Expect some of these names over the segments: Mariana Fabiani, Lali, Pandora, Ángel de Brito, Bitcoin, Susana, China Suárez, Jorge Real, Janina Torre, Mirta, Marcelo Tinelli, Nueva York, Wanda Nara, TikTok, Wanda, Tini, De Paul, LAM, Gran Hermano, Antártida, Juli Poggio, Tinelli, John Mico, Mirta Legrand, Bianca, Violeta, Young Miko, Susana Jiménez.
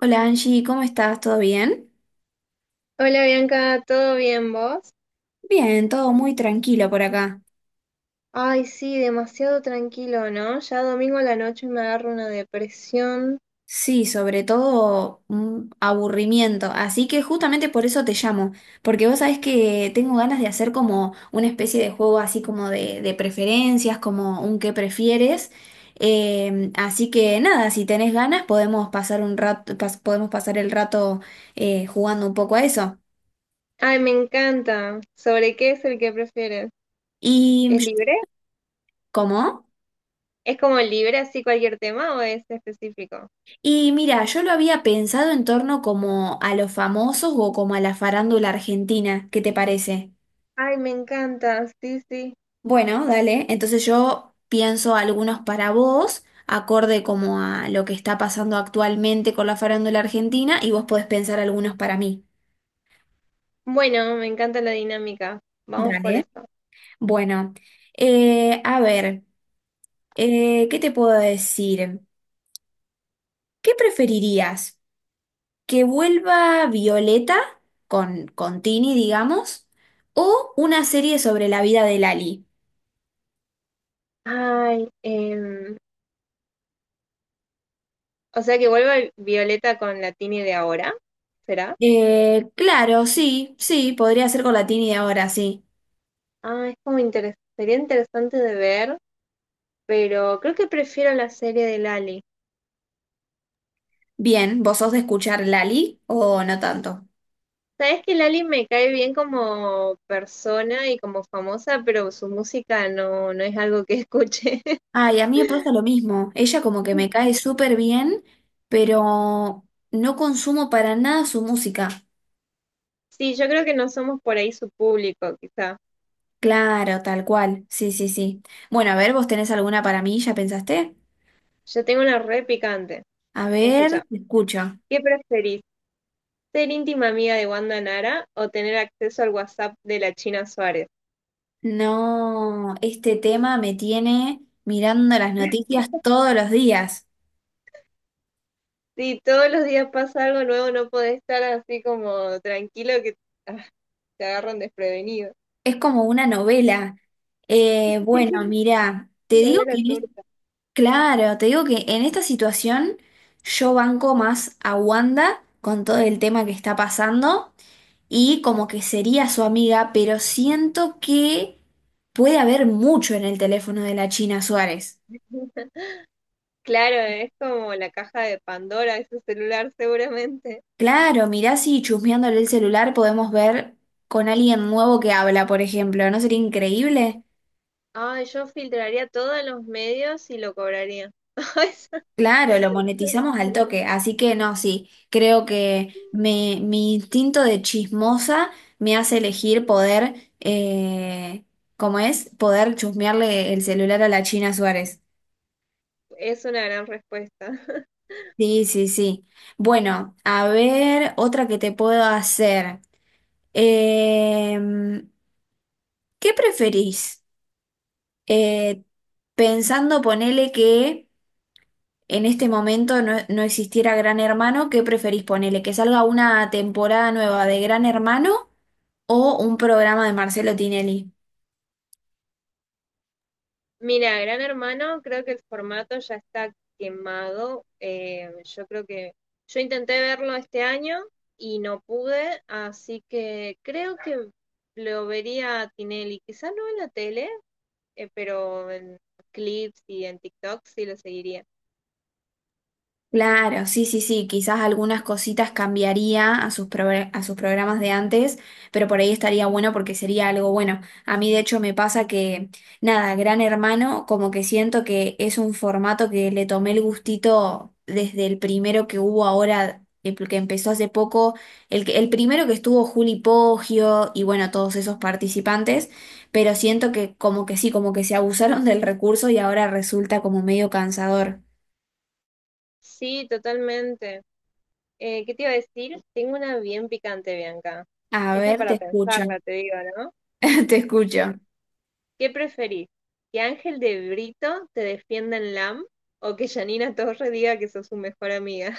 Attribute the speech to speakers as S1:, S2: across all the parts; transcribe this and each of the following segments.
S1: Hola Angie, ¿cómo estás? ¿Todo bien?
S2: Hola Bianca, ¿todo bien vos?
S1: Bien, todo muy tranquilo por acá.
S2: Ay, sí, demasiado tranquilo, ¿no? Ya domingo a la noche me agarro una depresión.
S1: Sí, sobre todo un aburrimiento. Así que justamente por eso te llamo, porque vos sabés que tengo ganas de hacer como una especie de juego así como de preferencias, como un qué prefieres. Así que nada, si tenés ganas podemos pasar un rato, podemos pasar el rato jugando un poco a eso.
S2: Ay, me encanta. ¿Sobre qué es el que prefieres?
S1: Y
S2: ¿Es libre?
S1: ¿cómo?
S2: ¿Es como libre así cualquier tema o es específico?
S1: Y mira, yo lo había pensado en torno como a los famosos o como a la farándula argentina, ¿qué te parece?
S2: Ay, me encanta, sí, sí.
S1: Bueno, dale, entonces yo pienso algunos para vos, acorde como a lo que está pasando actualmente con la farándula argentina, y vos podés pensar algunos para mí.
S2: Bueno, me encanta la dinámica. Vamos por eso.
S1: Dale. Bueno, a ver, ¿qué te puedo decir? ¿Qué preferirías? Que vuelva Violeta con Tini, digamos, o una serie sobre la vida de Lali.
S2: Ay, o sea que vuelva Violeta con la Tini de ahora, ¿será?
S1: Claro, sí, sí, podría ser con la Tini de ahora, sí.
S2: Ah, es como sería interesante de ver. Pero creo que prefiero la serie de Lali.
S1: Bien, ¿vos sos de escuchar Lali o no tanto?
S2: Sabes que Lali me cae bien como persona y como famosa, pero su música no, no es algo que escuche.
S1: Ay, a mí me pasa lo mismo. Ella como que me cae súper bien, pero no consumo para nada su música.
S2: Sí, yo creo que no somos por ahí su público, quizá.
S1: Claro, tal cual. Sí, sí, sí. Bueno, a ver, ¿vos tenés alguna para mí? ¿Ya pensaste?
S2: Yo tengo una re picante.
S1: A
S2: Escucha,
S1: ver, te escucho.
S2: ¿qué preferís? ¿Ser íntima amiga de Wanda Nara o tener acceso al WhatsApp de la China Suárez?
S1: No, este tema me tiene mirando las noticias todos los días.
S2: Si todos los días pasa algo nuevo, no podés estar así como tranquilo que ah, te agarran desprevenido.
S1: Es como una novela. Eh, bueno, mira, te
S2: Lo
S1: digo
S2: de
S1: que,
S2: la torta.
S1: claro, te digo que en esta situación yo banco más a Wanda con todo el tema que está pasando y como que sería su amiga, pero siento que puede haber mucho en el teléfono de la China Suárez.
S2: Claro, es como la caja de Pandora, ese celular seguramente.
S1: Claro, mirá si chusmeándole el celular podemos ver con alguien nuevo que habla, por ejemplo, ¿no sería increíble?
S2: Ay, yo filtraría todos los medios y lo cobraría. Esa
S1: Claro, lo monetizamos al toque, así que no, sí, creo que mi instinto de chismosa me hace elegir poder, ¿cómo es? Poder chusmearle el celular a la China Suárez.
S2: Es una gran respuesta.
S1: Sí, sí, sí. Bueno, a ver, otra que te puedo hacer. Em, ¿Qué preferís? Eh, pensando, ponele que en este momento no existiera Gran Hermano, ¿qué preferís ponele? ¿Que salga una temporada nueva de Gran Hermano o un programa de Marcelo Tinelli?
S2: Mira, Gran Hermano, creo que el formato ya está quemado. Yo creo que yo intenté verlo este año y no pude, así que creo que lo vería a Tinelli, quizás no en la tele, pero en clips y en TikTok sí lo seguiría.
S1: Claro, sí, sí, sí, quizás algunas cositas cambiaría a sus, a sus programas de antes, pero por ahí estaría bueno porque sería algo bueno. A mí de hecho me pasa que, nada, Gran Hermano, como que siento que es un formato que le tomé el gustito desde el primero que hubo ahora, el que empezó hace poco, el primero que estuvo Juli Poggio y bueno, todos esos participantes, pero siento que como que sí, como que se abusaron del recurso y ahora resulta como medio cansador.
S2: Sí, totalmente. ¿Qué te iba a decir? Tengo una bien picante, Bianca.
S1: A
S2: Esta es
S1: ver, te
S2: para
S1: escucho.
S2: pensarla, te digo, ¿no?
S1: Te
S2: ¿Qué,
S1: escucho.
S2: qué preferís? ¿Que Ángel de Brito te defienda en LAM o que Janina Torre diga que sos su mejor amiga?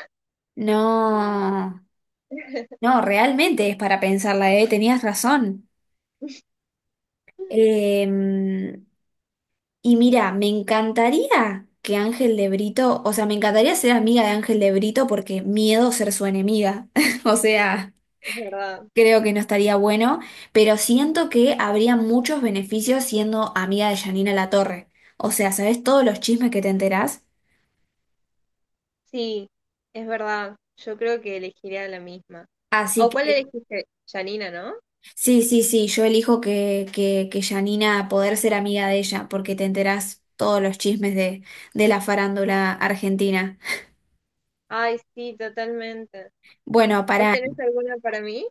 S1: No, no, realmente es para pensarla, ¿eh? Tenías razón. Em, y mira, me encantaría que Ángel de Brito, o sea, me encantaría ser amiga de Ángel de Brito porque miedo ser su enemiga. O sea,
S2: Es verdad.
S1: creo que no estaría bueno, pero siento que habría muchos beneficios siendo amiga de Janina Torre. O sea, ¿sabes todos los chismes que te enterás?
S2: Sí, es verdad. Yo creo que elegiría la misma.
S1: Así
S2: ¿O cuál
S1: que
S2: elegiste? Janina, ¿no?
S1: sí, sí, sí, yo elijo que Janina poder ser amiga de ella, porque te enterás todos los chismes de la farándula argentina.
S2: Ay, sí, totalmente.
S1: Bueno,
S2: ¿Vos
S1: para,
S2: tenés alguna para mí?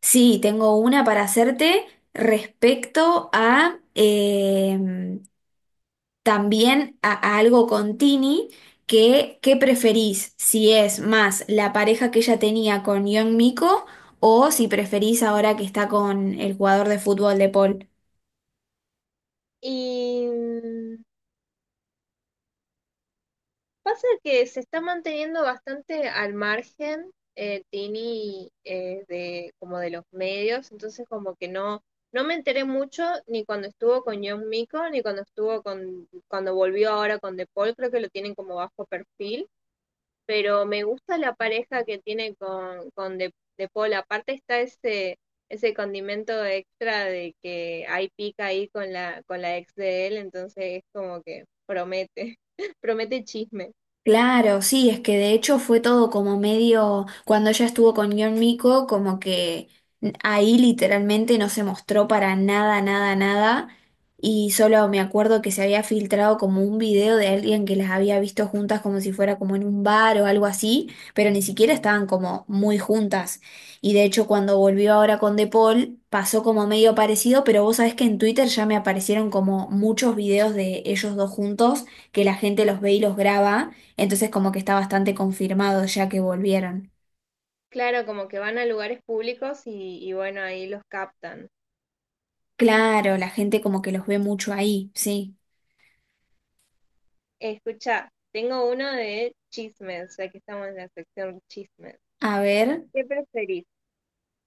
S1: sí, tengo una para hacerte respecto a también a algo con Tini, que ¿qué preferís? Si es más la pareja que ella tenía con Young Miko o si preferís ahora que está con el jugador de fútbol de Paul.
S2: Y pasa que se está manteniendo bastante al margen Tini de como de los medios, entonces como que no me enteré mucho ni cuando estuvo con John Mico ni cuando estuvo con cuando volvió ahora con De Paul. Creo que lo tienen como bajo perfil, pero me gusta la pareja que tiene con De Paul. Aparte está ese condimento extra de que hay pica ahí con la ex de él, entonces es como que promete promete chisme.
S1: Claro, sí, es que de hecho fue todo como medio, cuando ella estuvo con John Miko, como que ahí literalmente no se mostró para nada, nada, nada, y solo me acuerdo que se había filtrado como un video de alguien que las había visto juntas como si fuera como en un bar o algo así, pero ni siquiera estaban como muy juntas. Y de hecho cuando volvió ahora con De Paul pasó como medio parecido, pero vos sabés que en Twitter ya me aparecieron como muchos videos de ellos dos juntos, que la gente los ve y los graba. Entonces como que está bastante confirmado ya que volvieron.
S2: Claro, como que van a lugares públicos y bueno, ahí los captan.
S1: Claro, la gente como que los ve mucho ahí, sí.
S2: Escucha, tengo uno de chismes, ya que estamos en la sección chismes.
S1: A ver.
S2: ¿Qué preferís?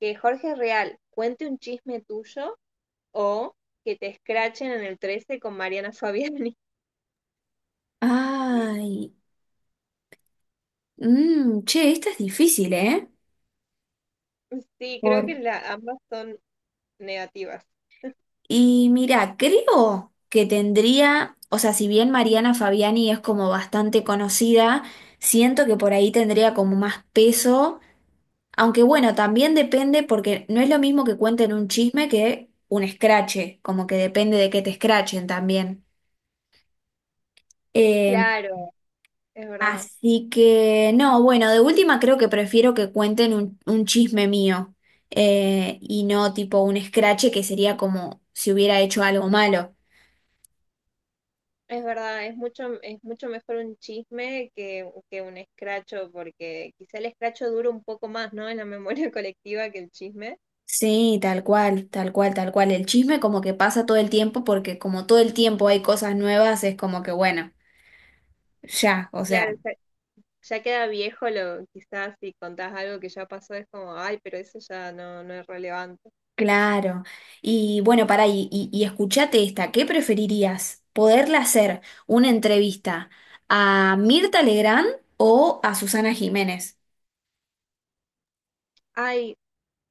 S2: ¿Que Jorge Real cuente un chisme tuyo o que te escrachen en el 13 con Mariana Fabiani?
S1: Ay. Mm, che, esta es difícil, ¿eh?
S2: Sí, creo
S1: Por-
S2: que ambas son negativas.
S1: Y mira, creo que tendría, o sea, si bien Mariana Fabiani es como bastante conocida, siento que por ahí tendría como más peso, aunque bueno, también depende porque no es lo mismo que cuenten un chisme que un escrache, como que depende de que te escrachen también. Eh,
S2: Claro, es verdad.
S1: Así que, no, bueno, de última creo que prefiero que cuenten un chisme mío y no tipo un escrache que sería como si hubiera hecho algo malo.
S2: Es verdad, es mucho mejor un chisme que un escracho, porque quizá el escracho dura un poco más, ¿no? En la memoria colectiva que el chisme.
S1: Sí, tal cual, tal cual, tal cual. El chisme como que pasa todo el tiempo porque como todo el tiempo hay cosas nuevas, es como que bueno, ya, o
S2: Claro,
S1: sea,
S2: ya queda viejo lo, quizás si contás algo que ya pasó es como, ay, pero eso ya no, no es relevante.
S1: claro. Y bueno, pará, y escuchate esta, ¿qué preferirías? ¿Poderle hacer una entrevista a Mirta Legrand o a Susana Jiménez?
S2: Ay,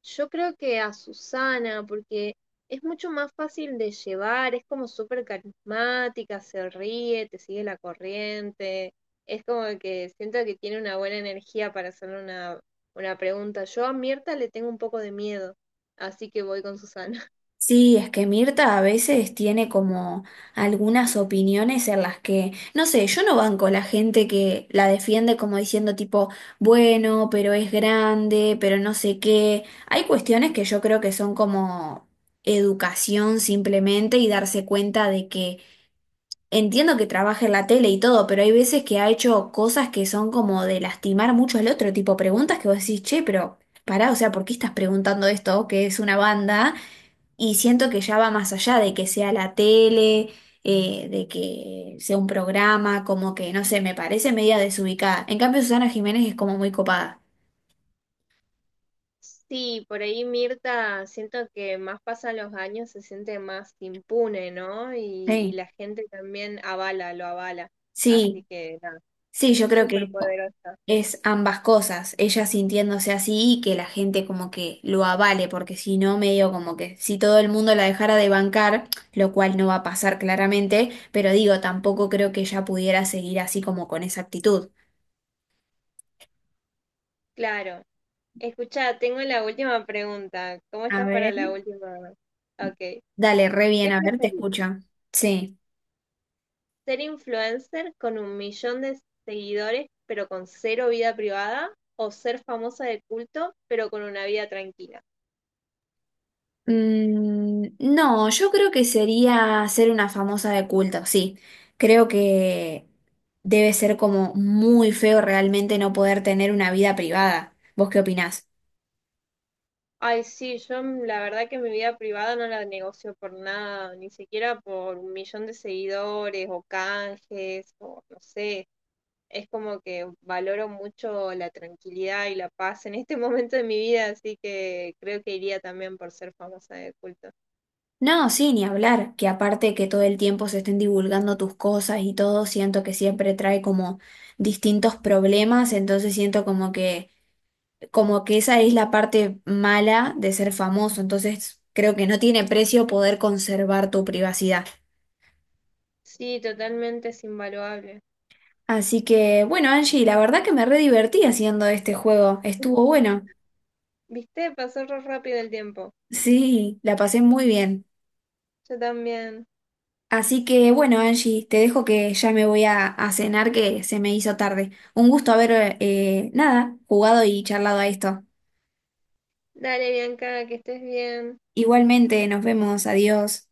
S2: yo creo que a Susana, porque es mucho más fácil de llevar, es como súper carismática, se ríe, te sigue la corriente, es como que siento que tiene una buena energía para hacer una pregunta. Yo a Mirta le tengo un poco de miedo, así que voy con Susana.
S1: Sí, es que Mirta a veces tiene como algunas opiniones en las que, no sé, yo no banco la gente que la defiende como diciendo tipo, bueno, pero es grande, pero no sé qué. Hay cuestiones que yo creo que son como educación simplemente y darse cuenta de que entiendo que trabaja en la tele y todo, pero hay veces que ha hecho cosas que son como de lastimar mucho al otro, tipo preguntas que vos decís, che, pero... Pará, o sea, ¿por qué estás preguntando esto? Que es una banda. Y siento que ya va más allá de que sea la tele, de que sea un programa, como que, no sé, me parece media desubicada. En cambio, Susana Jiménez es como muy copada.
S2: Sí, por ahí Mirta, siento que más pasan los años, se siente más impune, ¿no? Y
S1: Sí.
S2: la gente también avala, lo avala. Así
S1: Sí,
S2: que nada,
S1: sí, yo creo
S2: súper
S1: que
S2: poderosa.
S1: es ambas cosas, ella sintiéndose así y que la gente como que lo avale, porque si no, medio como que si todo el mundo la dejara de bancar, lo cual no va a pasar claramente, pero digo, tampoco creo que ella pudiera seguir así como con esa actitud.
S2: Claro. Escucha, tengo la última pregunta. ¿Cómo
S1: A
S2: estás para
S1: ver.
S2: la última? Ok.
S1: Dale, re bien,
S2: ¿Qué
S1: a ver, te
S2: preferís?
S1: escucho. Sí.
S2: ¿Ser influencer con 1.000.000 de seguidores pero con cero vida privada? ¿O ser famosa de culto pero con una vida tranquila?
S1: Mm, no, yo creo que sería ser una famosa de culto, sí. Creo que debe ser como muy feo realmente no poder tener una vida privada. ¿Vos qué opinás?
S2: Ay, sí, yo la verdad que mi vida privada no la negocio por nada, ni siquiera por 1.000.000 de seguidores o canjes o no sé. Es como que valoro mucho la tranquilidad y la paz en este momento de mi vida, así que creo que iría también por ser famosa de culto.
S1: No, sí, ni hablar, que aparte que todo el tiempo se estén divulgando tus cosas y todo, siento que siempre trae como distintos problemas, entonces siento como que esa es la parte mala de ser famoso, entonces creo que no tiene precio poder conservar tu privacidad.
S2: Sí, totalmente es invaluable.
S1: Así que, bueno, Angie, la verdad que me re divertí haciendo este juego, estuvo bueno.
S2: ¿Viste? Pasó re rápido el tiempo.
S1: Sí, la pasé muy bien.
S2: Yo también.
S1: Así que, bueno, Angie, te dejo que ya me voy a cenar que se me hizo tarde. Un gusto haber, nada, jugado y charlado a esto.
S2: Dale, Bianca, que estés bien.
S1: Igualmente, nos vemos, adiós.